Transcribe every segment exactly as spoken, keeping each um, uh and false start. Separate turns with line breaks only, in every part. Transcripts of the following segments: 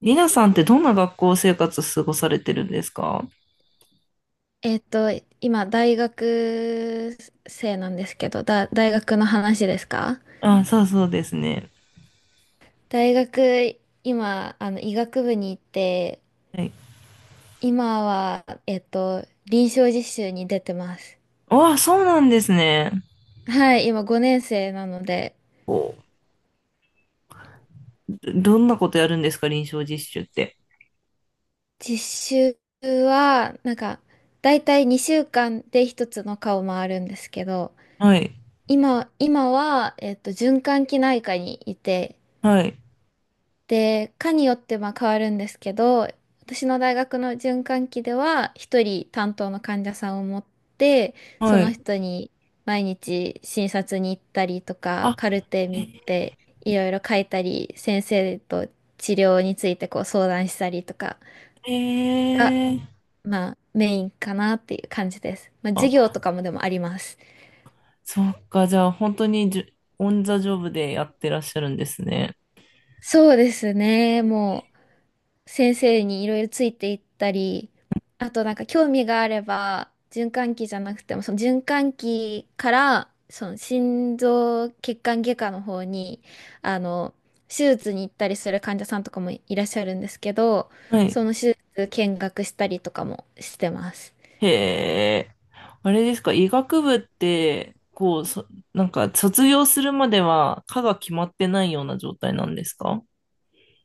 りなさんってどんな学校生活過ごされてるんですか？
えっと、今、大学生なんですけど、だ、大学の話ですか？
あ、そうそうですね。
大学、今、あの、医学部に行って、
はい。
今は、えっと、臨床実習に出てます。
あ、そうなんですね。
はい、今ごねん生なので、
こう、どんなことやるんですか、臨床実習って。
実習は、なんか、だいたいにしゅうかんで一つの科を回るんですけど、
はい、
今、今は、えっと、循環器内科にいて、
はい、
で、科によってまあ変わるんですけど、私の大学の循環器では、一人担当の患者さんを持って、そ
は
の
い。
人に毎日診察に行ったりとか、
あ、
カルテ見て、いろいろ書いたり、先生と治療についてこう相談したりとか
へ
が、
え。
まあメインかなっていう感じです。まあ授業
あ、
とかもでもあります。
そっか、じゃあ本当にじゅ、オンザジョブでやってらっしゃるんですね。
そうですね。もう先生にいろいろついていったり、あとなんか興味があれば、循環器じゃなくても、その循環器から、その心臓血管外科の方に、あの、手術に行ったりする患者さんとかもいらっしゃるんですけど、
はい。
その手術見学したりとかもしてます。
へえ。あれですか、医学部って、こう、そ、なんか卒業するまでは科が決まってないような状態なんですか？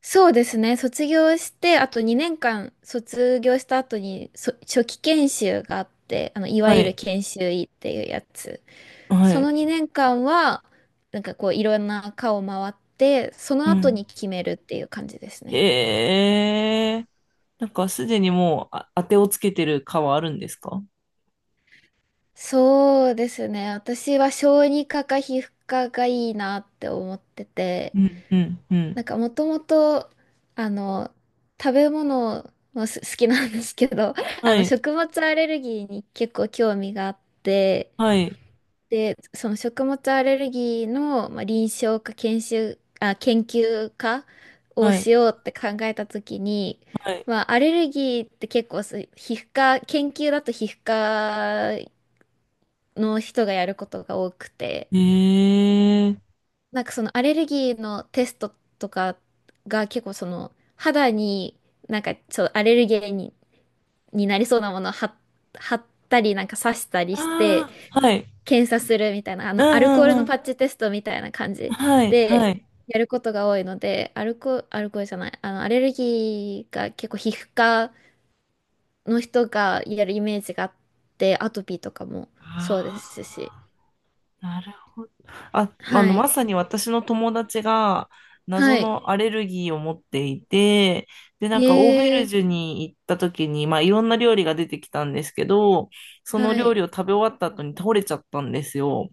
そうですね。卒業して、あとにねんかん卒業した後に、そ、初期研修があって、あの、いわ
は
ゆる
い。
研修医っていうやつ。
は
そ
い。
のにねんかんは、なんかこういろんな科を回って、そ
う
の後
ん。
に決めるっていう感じですね。
へえ。なんかすでにもう、あ、当てをつけてる科はあるんですか？
そうですね。私は小児科か皮膚科がいいなって思ってて、
うん、うん、うん。
なんかもともと、あの、食べ物もす好きなんですけど、あ
は
の、
い、
食物アレルギーに結構興味があって、
はい、
で、その食物アレルギーの、まあ、臨床か研修、あ、研究家を
は
し
い、
ようって考えたときに、
はい。
まあ、アレルギーって結構そう皮膚科、研究だと皮膚科の人がやることが多くて、
へえ。
なんかそのアレルギーのテストとかが結構その肌になんかちょっとアレルゲンに、になりそうなものを貼っ貼ったりなんか刺したりして
ああ、はい。
検査するみたいな、あ
う
の、ア
ん、
ルコー
う
ル
ん、う
のパ
ん。
ッチテストみたいな感じ
はい、は
で、
い。
やることが多いので、アルコ、アルコールじゃない、あの、アレルギーが結構皮膚科の人がやるイメージがあって、アトピーとかもそうですし。
ああ。なるほど。あ、あの、
はい。
まさに私の友達が
は
謎
い。
のアレルギーを持っていて、で、なんかオーベル
え
ジュ
え、
に行った時に、まあいろんな料理が出てきたんですけど、その
は
料
い。
理を食べ終わった後に倒れちゃったんですよ。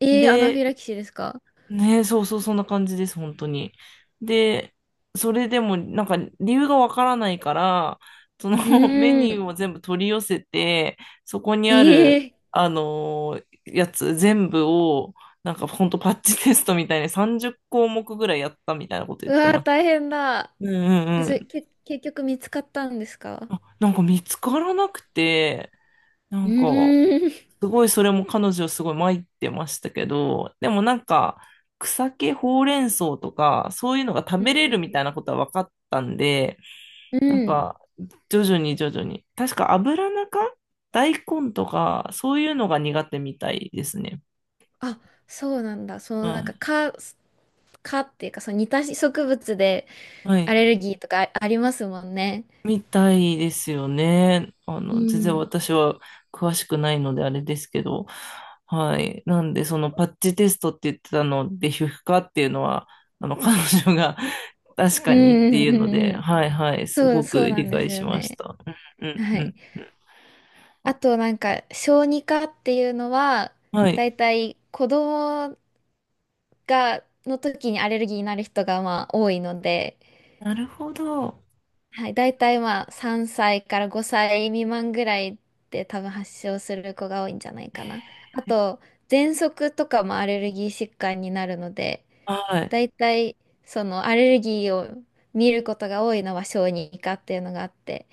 ええ、アナフ
で、
ィラキシーですか？
ねえ、そうそう、そんな感じです、本当に。で、それでも、なんか、理由がわからないから、その
う
メ
ー
ニュ
ん。
ーを全部取り寄せて、そこにある、
ええ、
あのーやつ全部を、なんか、本当パッチテストみたいにさんじゅっこうもく項目ぐらいやったみたいなこと言
う
って
わ
ま
ー、
す。
大変だ。
うんうん
で、
う
それ、
ん。
け、結局見つかったんですか？
あ、なんか見つからなくて、な
う
んか、
ーん。
すごいそれも彼女すごい参ってましたけど、でもなんか草木ほうれん草とかそういうのが食
う
べれるみ
ん
たいなことは分かったんで、
うん。
なん
うん。
か徐々に徐々に、確か油中大根とかそういうのが苦手みたいですね。
あ、そうなんだ。その
は
なんか
い。
蚊、蚊っていうか、その似た植物で
は
ア
い。
レルギーとかあありますもんね。
みたいですよね。あ
う
の、全然
ん。
私は詳しくないのであれですけど、はい。なんで、そのパッチテストって言ってたので、皮膚科っていうのは、あの、彼女が 確
う
かにって
んう
いう
んう
の
ん
で、
うん。
はいはい、す
そう、
ごく
そうな
理
んで
解
す
し
よ
まし
ね。
た。うんう
はい。
んう
あと
ん。
なんか、小児科っていうのは、
はい。
だいたい子供が、の時にアレルギーになる人がまあ多いので、
なるほど。
はい、大体まあさんさいからごさい未満ぐらいで多分発症する子が多いんじゃないかな。あと、喘息とかもアレルギー疾患になるので、
はい。
大体そのアレルギーを見ることが多いのは小児科っていうのがあって、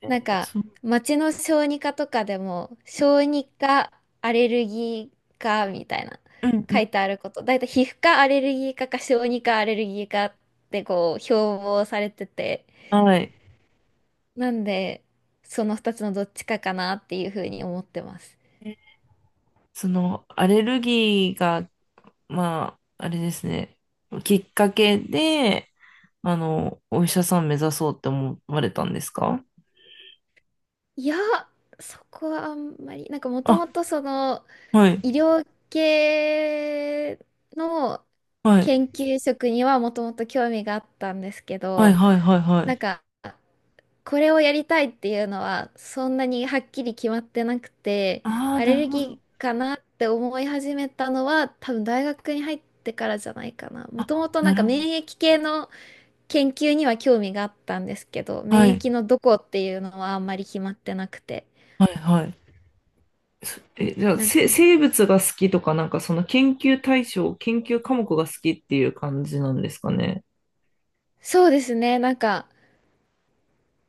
え
なん
ー
か
そう、
町の小児科とかでも小児科アレルギー科みたいな
うんう
書
ん。
いてあること、大体皮膚科アレルギー科か小児科アレルギー科ってこう標榜されてて。
はい。
なんで、そのふたつのどっちかかなっていうふうに思ってます。
そのアレルギーが、まあ、あれですね、きっかけで、あの、お医者さん目指そうって思われたんですか？
いや、そこはあんまり、なんかもと
あ、
もとその
はい、
医療系の
はい、
研究職にはもともと興味があったんですけ
はい、
ど、
はい、はい、は
なん
い。
かこれをやりたいっていうのはそんなにはっきり決まってなくて、
ああ、
アレ
なる
ル
ほど、
ギーかなって思い始めたのは多分大学に入ってからじゃないかな。もともとな
な
ん
る
か
ほど。
免疫系の研究には興味があったんですけど、
は
免
い、
疫のどこっていうのはあんまり決まってなくて。
はい、はい。そえ、じゃあ、
なん
せ、生物が好きとか、なんかその研究対象、研究科目が好きっていう感じなんですかね。
そうですね、なんか、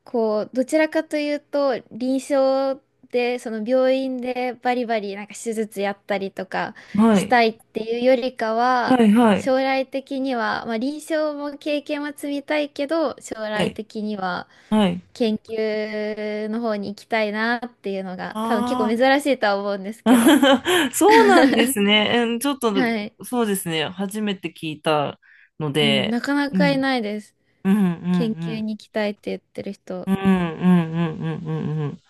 こう、どちらかというと、臨床で、その病院でバリバリなんか手術やったりとか
は
し
い、
たいっていうよりか
は
は、
い、はい、
将来的には、まあ臨床も経験は積みたいけど、将
は
来
い、
的には
はい。
研究の方に行きたいなっていうのが、多分結構珍
あ
しいとは思うんですけど。
あ、そうなんですね。うんちょっと、
はい。
そうですね。初めて聞いたの
うん、
で、
なかな
う
かい
ん、
ないです。
うん、うん、う
研究
ん。
に行きたいって言ってる人。
うんうんうんうんうんうん。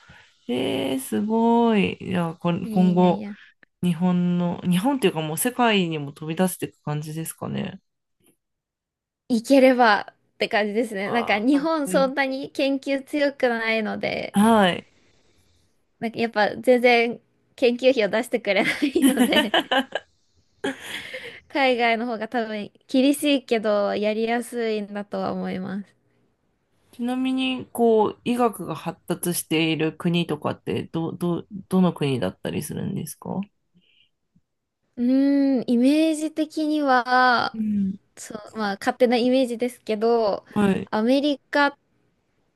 えー、すごい。いや、これ、
いや
今
いやい
後、
や。
日本の、日本っていうかもう世界にも飛び出していく感じですかね。
行ければって感じですね。なんか
ああ、
日
かっ
本
こい
そ
い。
んなに研究強くないので、
はい。
なんかやっぱ全然研究費を出してくれないので、海外の方が多分厳しいけどやりやすいんだとは思います。
ちなみに、こう、医学が発達している国とかって、ど、ど、どの国だったりするんですか？
うーん、イメージ的に
う
は、
ん。
そう、まあ勝手なイメージですけど、
はい。
アメリカ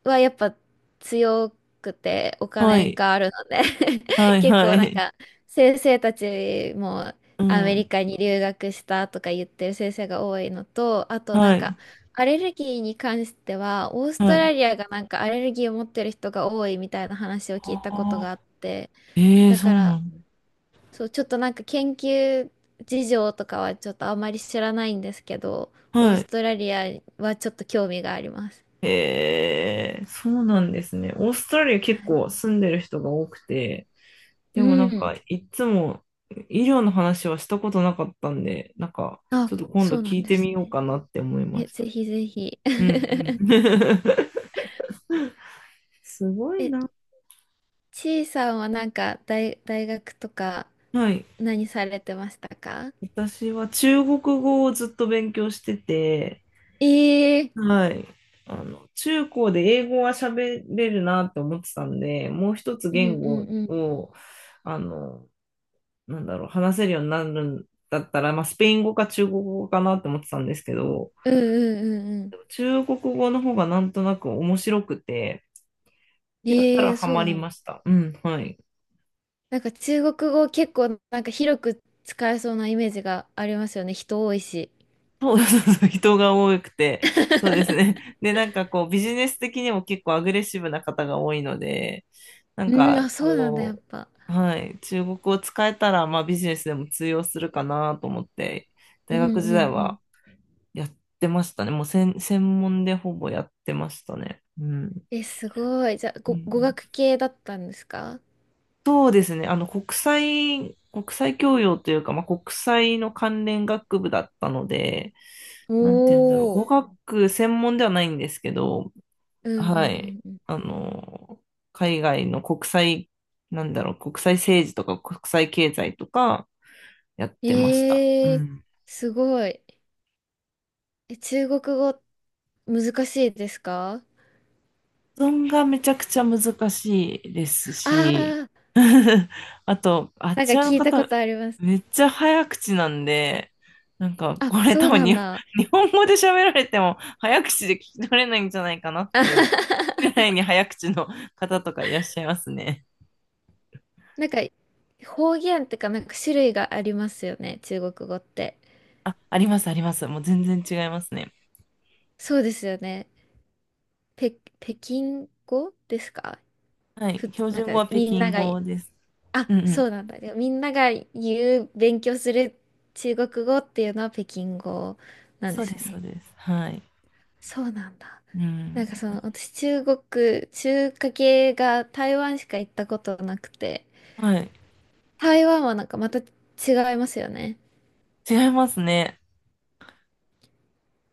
はやっぱ強くてお
は
金
い。
があるので
は い、
結
は
構なん
い。
か先生たちも
う
アメリ
ん。
カに留学したとか言ってる先生が多いのと、あとな
は
んか
い。
アレルギーに関してはオース
は
ト
い。
ラリアがなんかアレルギーを持ってる人が多いみたいな話を聞い
あ
たことがあっ
あ、
て、
ええー、
だ
そう
か
な
ら
んだ。
そう、ちょっとなんか研究事情とかはちょっとあまり知らないんですけど、オー
は
ス
い。
トラリアはちょっと興味があります。
へえ、そうなんですね。オーストラリア結構住んでる人が多くて、
う
でもなん
ん。
かいつも医療の話はしたことなかったんで、なんか
あ、
ちょっと今度
そうな
聞
ん
い
で
てみ
す
よう
ね。
かなって思いま
え、
し
ぜ
た。
ひぜひ。
うんう ん。すごい
え、
な。
ちいさんはなんか大、大学とか
はい。
何されてましたか？
私は中国語をずっと勉強してて、
ええー。
はい。あの、中高で英語は喋れるなって思ってたんで、もう一つ
うん
言
うん
語
うん。
を、あの、なんだろう、話せるようになるんだったら、まあ、スペイン語か中国語かなって思ってたんですけど、
うんうんうんう
中国語の方がなんとなく面白くて、
ん。
やった
え
ら
えー、
ハ
そう
マり
なん
ま
だ。
した。うん、はい。
なんか中国語結構なんか広く使えそうなイメージがありますよね。人多いし。
そうそうそう、人が多くて、そうです ね。で、なんかこう、ビジネス的にも結構アグレッシブな方が多いので、なん
うん、
か
あ、そうなんだ、やっ
こ
ぱ。
う、はい、中国を使えたら、まあビジネスでも通用するかなと思って、
う
大
ん
学
う
時
ん
代
う
は
ん。
やってましたね。もう専、専門でほぼやってましたね。うん。
え、すごい。じゃあ、
う
ご、語
ん
学系だったんですか？
そうですね。あの、国際、国際教養というか、まあ、国際の関連学部だったので、なんて言うんだろう。
おおー。
語学専門ではないんですけど、
うん
は
う
い。
んうん
あの、海外の国際、なんだろう、国際政治とか国際経済とかやっ
うん。
てました。う
えー、
ん
すごい。え、中国語難しいですか？
発音がめちゃくちゃ難しいです
あ
し、
あー、
あと、あっ
なんか
ちらの
聞いたこ
方、
とあります。
めっちゃ早口なんで、なんか、
あ、
これ
そ
多
う
分
な
に、
んだ。
日本語で喋られても早口で聞き取れないんじゃないかなっ
あはは
ていうぐらい
は。
に早口の方とかいらっしゃいますね。
なんか、方言ってか、なんか種類がありますよね、中国語って。
あ、あります、あります。もう全然違いますね。
そうですよね。ぺ、北京語ですか？
はい。
ふつ、
標
なん
準
か
語は北
みんな
京
が
語です。
あ、
うんう
そ
ん。
うなんだ。でみんなが言う、勉強する中国語っていうのは北京語なん
そ
で
う
す
です、そう
ね。
です。はい。
そうなんだ。
う
な
ん。
んかその、私中国、中華系が台湾しか行ったことなくて、
はい。
台湾はなんかまた違いますよね。
違いますね。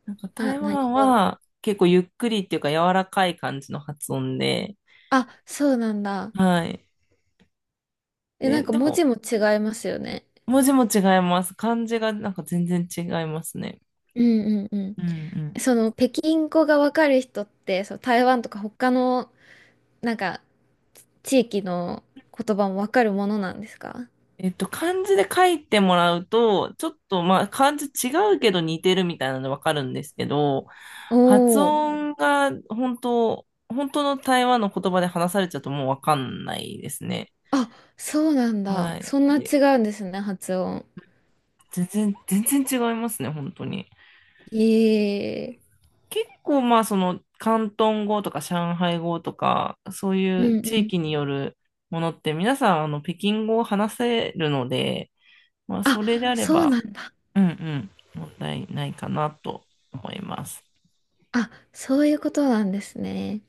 なんか
な、
台
何
湾
語？
は結構ゆっくりっていうか柔らかい感じの発音で、
あ、そうなんだ。
はい。
え、な
で、
んか
で
文
も
字も違いますよね。
文字も違います。漢字がなんか全然違いますね。
うんうんう
うんう
ん。
ん。
その、北京語がわかる人って、その台湾とか他のなんか、地域の言葉もわかるものなんですか？
えっと、漢字で書いてもらうと、ちょっとまあ漢字違うけど似てるみたいなのでわかるんですけど、
お
発
おー。
音が本当、本当の台湾の言葉で話されちゃうともうわかんないですね。
あ、そうなんだ。
は
そん
い。
な
で、
違うんですね、発音。
全然、全然違いますね、本当に。
ええ。
結構まあその広東語とか上海語とかそうい
う
う
ん
地
うん。
域によるものって皆さんあの北京語を話せるので、まあ
あ、
それであれ
そう
ば、
なんだ。
うんうん、問題ないかなと思います。
あ、そういうことなんですね。